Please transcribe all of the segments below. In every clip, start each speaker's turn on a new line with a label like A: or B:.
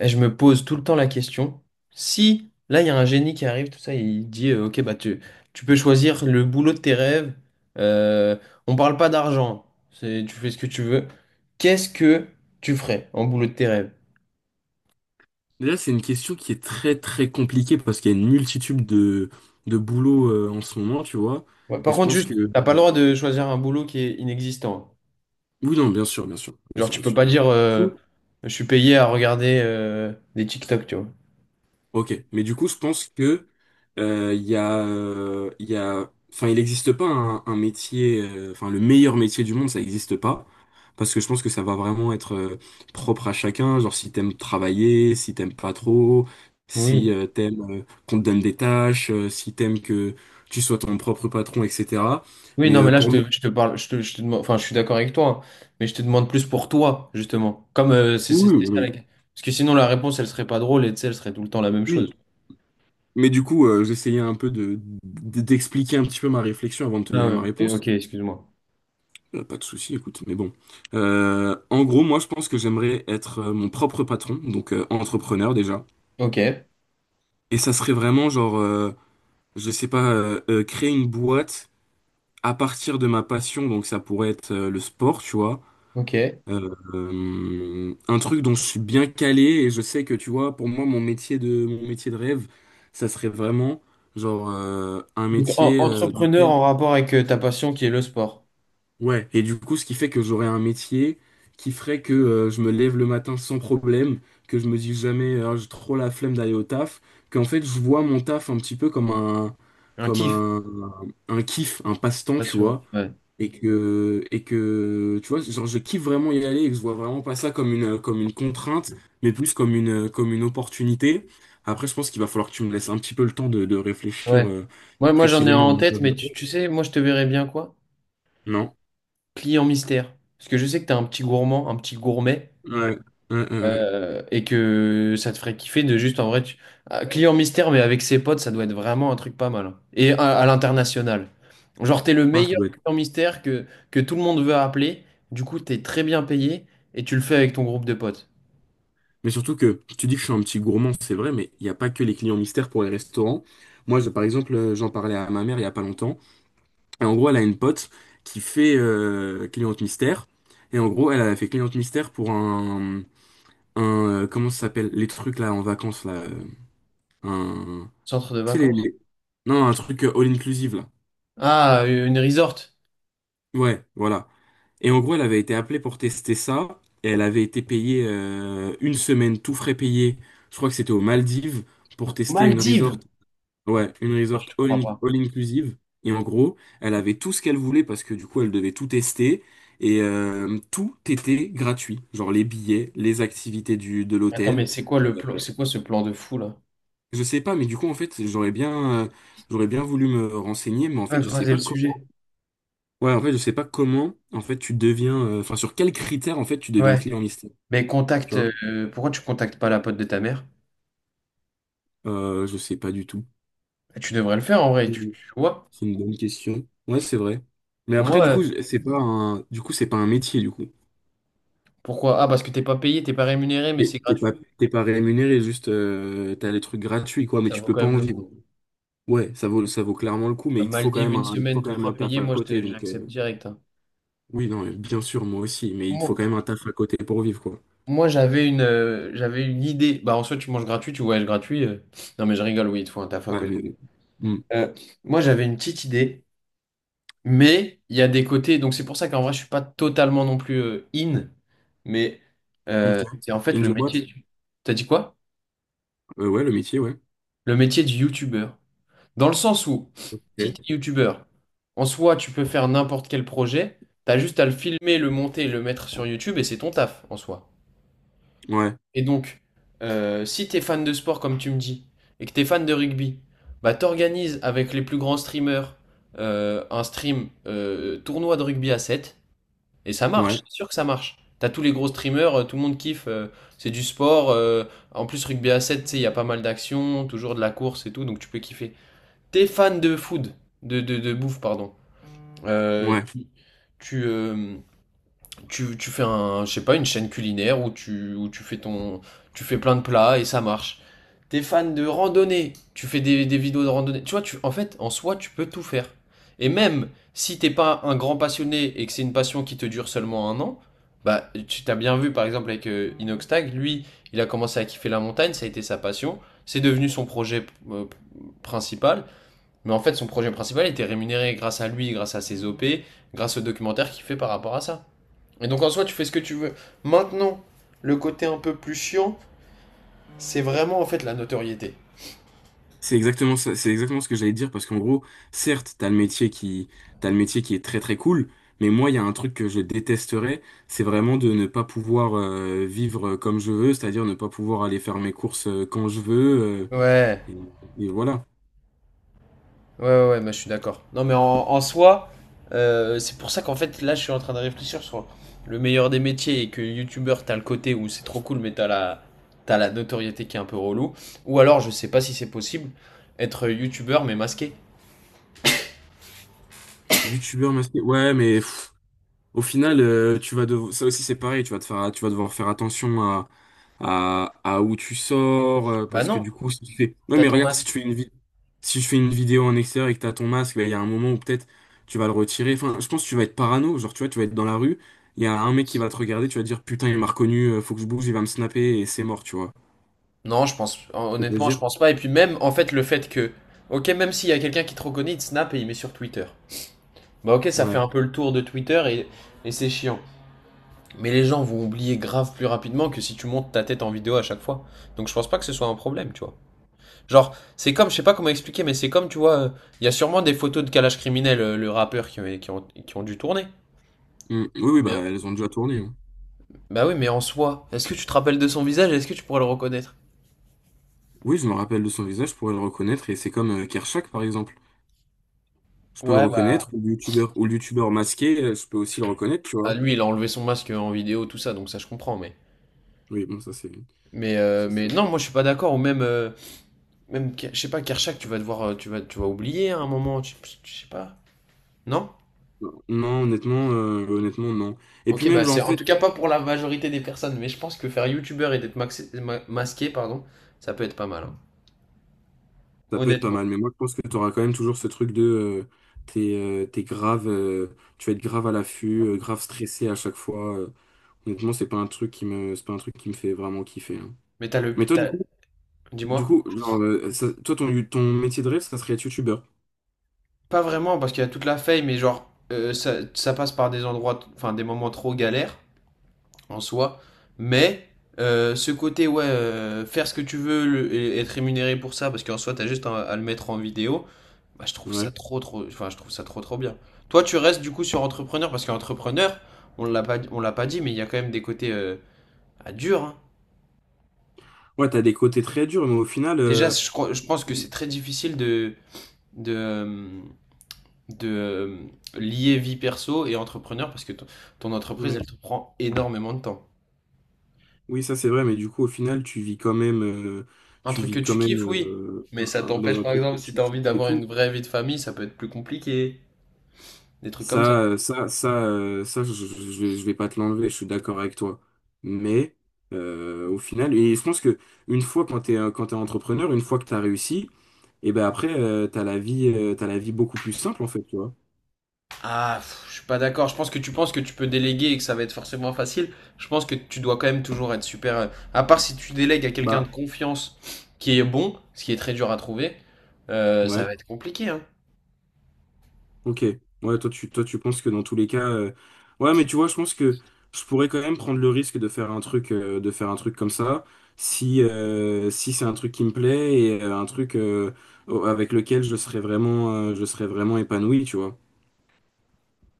A: Et je me pose tout le temps la question, si là il y a un génie qui arrive, tout ça, il dit ok bah tu peux choisir le boulot de tes rêves, euh, on parle pas d'argent, tu fais ce que tu veux, qu'est-ce que tu ferais en boulot de tes rêves?
B: Déjà, c'est une question qui est très très compliquée parce qu'il y a une multitude de boulots en ce moment, tu vois.
A: Ouais,
B: Et
A: par
B: je
A: contre
B: pense que...
A: juste, t'as pas le droit de choisir un boulot qui est inexistant.
B: Oui, non, bien sûr, bien sûr, bien
A: Genre
B: sûr,
A: tu
B: bien
A: peux
B: sûr.
A: pas dire je suis payé à regarder des TikTok, tu vois.
B: Ok, mais du coup, je pense que il y a, enfin, il n'existe pas un métier, enfin, le meilleur métier du monde, ça n'existe pas, parce que je pense que ça va vraiment être propre à chacun. Genre, si t'aimes travailler, si t'aimes pas trop, si
A: Oui.
B: t'aimes qu'on te donne des tâches, si t'aimes que tu sois ton propre patron, etc.
A: Oui,
B: Mais
A: non, mais là,
B: pour moi,
A: je te parle, je te demande, enfin, je suis d'accord avec toi, hein, mais je te demande plus pour toi, justement. Comme
B: oui, oui,
A: c'est ça
B: oui.
A: Parce que sinon, la réponse, elle serait pas drôle et tu sais, elle serait tout le temps la même
B: oui.
A: chose.
B: Mais du coup, j'essayais un peu d'expliquer un petit peu ma réflexion avant de te
A: Ah
B: donner
A: ouais,
B: ma réponse.
A: ok, excuse-moi.
B: Pas de souci, écoute, mais bon. En gros, moi, je pense que j'aimerais être mon propre patron, donc entrepreneur déjà.
A: Ok,
B: Et ça serait vraiment genre, je sais pas, créer une boîte à partir de ma passion, donc ça pourrait être le sport, tu vois.
A: ok.
B: Euh, un truc dont je suis bien calé et je sais que, tu vois, pour moi, mon métier de rêve, ça serait vraiment genre un
A: Donc,
B: métier dans
A: entrepreneur
B: lequel.
A: en rapport avec ta passion qui est le sport.
B: Ouais, et du coup, ce qui fait que j'aurai un métier qui ferait que je me lève le matin sans problème, que je me dis jamais j'ai trop la flemme d'aller au taf, qu'en fait je vois mon taf un petit peu comme un
A: Un
B: comme
A: kiff.
B: un, un kiff, un passe-temps, tu
A: Passion.
B: vois,
A: Ouais.
B: et que tu vois, genre je kiffe vraiment y aller et que je vois vraiment pas ça comme une contrainte, mais plus comme une opportunité. Après, je pense qu'il va falloir que tu me laisses un petit peu le temps de réfléchir
A: Ouais. Moi, j'en ai un
B: précisément.
A: en tête, mais tu sais, moi, je te verrais bien quoi?
B: Non?
A: Client mystère. Parce que je sais que tu es un petit gourmand, un petit gourmet.
B: Ouais. Ouais, ouais, ouais.
A: Et que ça te ferait kiffer de juste en vrai tu... Ah, client mystère mais avec ses potes ça doit être vraiment un truc pas mal, hein. Et à l'international, genre t'es le
B: Ah, ça
A: meilleur
B: doit être.
A: client mystère que tout le monde veut appeler, du coup t'es très bien payé et tu le fais avec ton groupe de potes.
B: Mais surtout que tu dis que je suis un petit gourmand, c'est vrai, mais il n'y a pas que les clients mystères pour les restaurants. Moi, par exemple, j'en parlais à ma mère il n'y a pas longtemps. Et en gros, elle a une pote qui fait cliente mystère. Et en gros, elle a fait cliente mystère pour un comment ça s'appelle? Les trucs là en vacances là. Un,
A: Centre de
B: tu sais,
A: vacances.
B: non, un truc all-inclusive là.
A: Ah, une resort.
B: Ouais, voilà. Et en gros, elle avait été appelée pour tester ça. Et elle avait été payée une semaine, tout frais payé. Je crois que c'était aux Maldives pour tester une resort.
A: Maldives.
B: Ouais, une
A: Non,
B: resort
A: je te crois pas.
B: all inclusive. Et en gros, elle avait tout ce qu'elle voulait parce que du coup, elle devait tout tester. Et tout était gratuit. Genre les billets, les activités de
A: Attends, mais
B: l'hôtel.
A: c'est quoi
B: Euh,
A: le plan, c'est quoi ce plan de fou là?
B: je sais pas, mais du coup, en fait, j'aurais bien voulu me renseigner, mais en
A: Ah,
B: fait, je sais
A: creuser le
B: pas comment.
A: sujet.
B: Ouais, en fait, je sais pas comment, en fait, tu deviens. Enfin, sur quels critères, en fait, tu deviens
A: Ouais,
B: client mystère.
A: mais
B: Tu
A: contacte
B: vois?
A: pourquoi tu contactes pas la pote de ta mère?
B: Je sais pas du tout.
A: Bah, tu devrais le faire en vrai, tu vois.
B: C'est une bonne question. Ouais, c'est vrai. Mais après, du coup,
A: Moi.
B: c'est pas un métier, du coup.
A: Pourquoi? Ah, parce que t'es pas payé, t'es pas rémunéré, mais
B: T'es
A: c'est
B: t'es
A: gratuit.
B: pas, T'es pas rémunéré, juste t'as les trucs gratuits, quoi, mais
A: Ça
B: tu
A: vaut
B: peux
A: quand
B: pas
A: même
B: en
A: le
B: vivre.
A: coup.
B: Ouais, ça vaut clairement le coup, mais
A: À Maldives, une
B: il te faut
A: semaine, tout
B: quand même un
A: frais
B: taf
A: payé,
B: à
A: moi,
B: côté. Donc,
A: j'accepte direct, hein.
B: oui, non, mais bien sûr, moi aussi, mais il te faut
A: Moi,
B: quand même un taf à côté pour vivre, quoi.
A: moi, j'avais j'avais une idée. Bah, en soi, tu manges gratuit, tu voyages gratuit. Non, mais je rigole, oui, il te faut un taf à
B: Ouais,
A: côté.
B: mais... Hmm,
A: Euh, Moi, j'avais une petite idée, mais il y a des côtés. Donc, c'est pour ça qu'en vrai, je suis pas totalement non plus in. Mais
B: ok.
A: c'est en fait
B: In
A: le
B: the boîte?
A: métier. T'as dit quoi?
B: Ouais, le métier, ouais.
A: Le métier du youtubeur. Dans le sens où, si
B: Ok.
A: tu es youtubeur, en soi, tu peux faire n'importe quel projet, t'as juste à le filmer, le monter, le mettre sur YouTube et c'est ton taf en soi.
B: Ouais,
A: Et donc, si t'es fan de sport comme tu me dis, et que t'es fan de rugby, bah t'organises avec les plus grands streamers un stream tournoi de rugby à 7 et ça marche,
B: ouais,
A: c'est sûr que ça marche. T'as tous les gros streamers, tout le monde kiffe, c'est du sport, en plus rugby à 7, tu sais, il y a pas mal d'actions, toujours de la course et tout, donc tu peux kiffer. T'es fan de food, de bouffe, pardon. Euh,
B: ouais.
A: tu, tu, euh, Tu fais un, je sais pas, une chaîne culinaire où où tu fais ton, tu fais plein de plats et ça marche. T'es fan de randonnée, tu fais des vidéos de randonnée. Tu vois, tu, en fait, en soi, tu peux tout faire. Et même si t'es pas un grand passionné et que c'est une passion qui te dure seulement un an, bah, tu t'as bien vu, par exemple, avec Inoxtag, lui, il a commencé à kiffer la montagne, ça a été sa passion, c'est devenu son projet euh, principal. Mais en fait, son projet principal était rémunéré grâce à lui, grâce à ses OP, grâce au documentaire qu'il fait par rapport à ça. Et donc en soi, tu fais ce que tu veux. Maintenant, le côté un peu plus chiant, c'est vraiment en fait la notoriété.
B: C'est exactement ça, c'est exactement ce que j'allais te dire parce qu'en gros, certes, t'as le métier qui est très très cool, mais moi, il y a un truc que je détesterais, c'est vraiment de ne pas pouvoir vivre comme je veux, c'est-à-dire ne pas pouvoir aller faire mes courses quand je veux,
A: Ouais,
B: et, et voilà.
A: ouais, ouais, ouais, mais je suis d'accord. Non, mais en soi, c'est pour ça qu'en fait, là, je suis en train de réfléchir sur le meilleur des métiers et que youtubeur, t'as le côté où c'est trop cool, mais t'as la notoriété qui est un peu relou. Ou alors, je sais pas si c'est possible, être youtubeur mais masqué.
B: YouTubeur masqué, ouais, mais pff, au final, tu vas ça aussi c'est pareil, tu vas te faire, tu vas devoir faire attention à où tu sors,
A: Bah
B: parce que
A: non,
B: du coup, si tu fais, ouais,
A: t'as
B: mais
A: ton
B: regarde, si tu
A: masque.
B: fais une vi- si je fais une vidéo en extérieur et que t'as ton masque, bah, il y a un moment où peut-être tu vas le retirer. Enfin, je pense que tu vas être parano, genre tu vois, tu vas être dans la rue, il y a un mec qui va te regarder, tu vas te dire putain, il m'a reconnu, faut que je bouge, il va me snapper et c'est mort, tu vois.
A: Non, je pense,
B: Tu veux
A: honnêtement, je
B: dire?
A: pense pas. Et puis même, en fait, ok, même s'il y a quelqu'un qui te reconnaît, il te snap et il met sur Twitter. Bah ok, ça fait
B: Ouais.
A: un peu le tour de et c'est chiant. Mais les gens vont oublier grave plus rapidement que si tu montes ta tête en vidéo à chaque fois. Donc je pense pas que ce soit un problème, tu vois. Genre, je sais pas comment expliquer, mais c'est comme, tu vois, il y a sûrement des photos de Kalash Criminel, le rappeur, qui ont dû tourner.
B: Mm. Oui, oui, bah
A: Bien.
B: elles ont déjà tourné, hein.
A: Bah oui, mais en soi, est-ce que tu te rappelles de son visage? Et est-ce que tu pourrais le reconnaître?
B: Oui, je me rappelle de son visage pour le reconnaître et c'est comme Kershak par exemple. Je peux le
A: Ouais, bah...
B: reconnaître, ou le youtubeur masqué, je peux aussi le reconnaître, tu
A: Ah,
B: vois.
A: lui, il a enlevé son masque en vidéo, tout ça, donc ça je comprends, mais...
B: Oui, bon, ça c'est. ça,
A: Mais
B: c'est-
A: non, moi je suis pas d'accord. Ou même, même je sais pas, Kershak, tu vas devoir, tu vas oublier à un moment. Tu, je sais pas. Non?
B: Non, honnêtement, non. Et puis
A: Ok,
B: même,
A: bah
B: genre, en
A: c'est en tout
B: fait,
A: cas pas pour la majorité des personnes. Mais je pense que faire youtubeur et d'être masqué, pardon, ça peut être pas mal, hein.
B: ça peut être pas
A: Honnêtement.
B: mal, mais moi je pense que tu auras quand même toujours ce truc de. T'es grave, tu vas être grave à l'affût, grave stressé à chaque fois. Honnêtement, c'est pas un truc qui me fait vraiment kiffer, hein.
A: Mais
B: Mais toi, du
A: dis-moi.
B: coup, genre, toi, ton métier de rêve, ça serait être youtubeur.
A: Pas vraiment parce qu'il y a toute la fame. Mais genre, ça passe par des endroits, enfin des moments trop galères en soi. Mais ce côté, ouais, faire ce que tu veux et être rémunéré pour ça, parce qu'en soi, t'as juste à le mettre en vidéo. Bah, je trouve ça
B: Ouais.
A: trop, trop, enfin, je trouve ça trop, trop bien. Toi, tu restes du coup sur entrepreneur parce qu'entrepreneur, on l'a pas dit, mais il y a quand même des côtés à dur, hein.
B: Ouais, t'as des côtés très durs, mais au final.
A: Déjà, je pense que c'est très difficile de, euh, de lier vie perso et entrepreneur parce que ton, ton entreprise,
B: Ouais.
A: elle te prend énormément de temps.
B: Oui, ça c'est vrai, mais du coup, au final,
A: Un
B: tu
A: truc que
B: vis quand
A: tu kiffes,
B: même
A: oui, mais ça
B: dans
A: t'empêche,
B: un
A: par
B: truc que
A: exemple, si
B: tu
A: tu as
B: kiffes
A: envie
B: et
A: d'avoir une
B: tout.
A: vraie vie de famille, ça peut être plus compliqué. Des trucs comme ça.
B: Ça, euh, ça, ça, euh, ça, je, je, je vais je vais pas te l'enlever. Je suis d'accord avec toi. Mais au final, et je pense que une fois quand quand t'es entrepreneur, une fois que t'as réussi, et ben après, t'as la vie beaucoup plus simple en fait, tu vois.
A: Ah, pff, je suis pas d'accord. Je pense que tu penses que tu peux déléguer et que ça va être forcément facile. Je pense que tu dois quand même toujours être super. À part si tu délègues à quelqu'un
B: Bah
A: de confiance qui est bon, ce qui est très dur à trouver, ça
B: ouais.
A: va être compliqué, hein.
B: Ok, ouais, toi tu penses que dans tous les cas, ouais, mais tu vois, je pense que je pourrais quand même prendre le risque de faire un truc, comme ça, si si c'est un truc qui me plaît et avec lequel je serais vraiment épanoui, tu vois.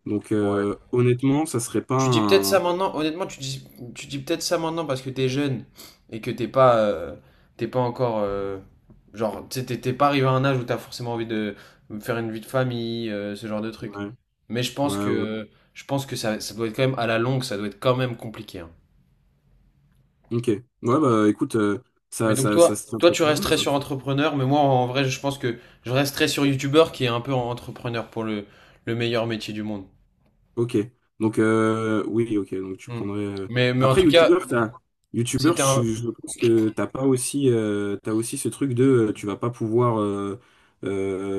B: Donc honnêtement, ça serait pas
A: Tu dis peut-être ça
B: un,
A: maintenant, honnêtement, tu dis peut-être ça maintenant parce que t'es jeune et que t'es pas encore, genre, tu t'es t'es pas arrivé à un âge où t'as forcément envie de faire une vie de famille, ce genre de truc.
B: ouais,
A: Mais
B: ouais, ouais.
A: je pense que ça doit être quand même à la longue, ça doit être quand même compliqué, hein.
B: Ok, ouais, bah écoute,
A: Mais donc
B: ça
A: toi,
B: se tient
A: toi
B: très
A: tu
B: clairement,
A: resterais
B: ce que
A: sur
B: tu.
A: entrepreneur, mais moi en vrai, je pense que je resterais sur youtubeur qui est un peu entrepreneur pour le meilleur métier du monde.
B: Ok. Donc, oui, ok. Donc, tu
A: Hmm.
B: prendrais.
A: Mais en
B: Après,
A: tout cas,
B: youtubeur, t'as... Youtubeur,
A: c'était
B: je,
A: un,
B: je pense que t'as pas aussi, t'as aussi ce truc de tu vas pas pouvoir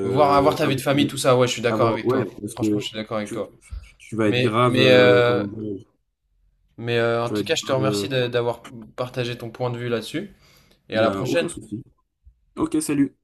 A: voir avoir ta vie de
B: avoir,
A: famille, tout ça, ouais, je suis d'accord
B: avoir...
A: avec
B: Ouais,
A: toi.
B: parce
A: Franchement, je
B: que
A: suis d'accord avec toi.
B: tu vas être
A: Mais,
B: grave.
A: mais,
B: Comment
A: euh,
B: dire?
A: mais en
B: Tu vas
A: tout cas,
B: être
A: je te
B: grave.
A: remercie d'avoir partagé ton point de vue là-dessus. Et
B: Il
A: à
B: y
A: la
B: a
A: prochaine.
B: aucun souci. Ok, salut.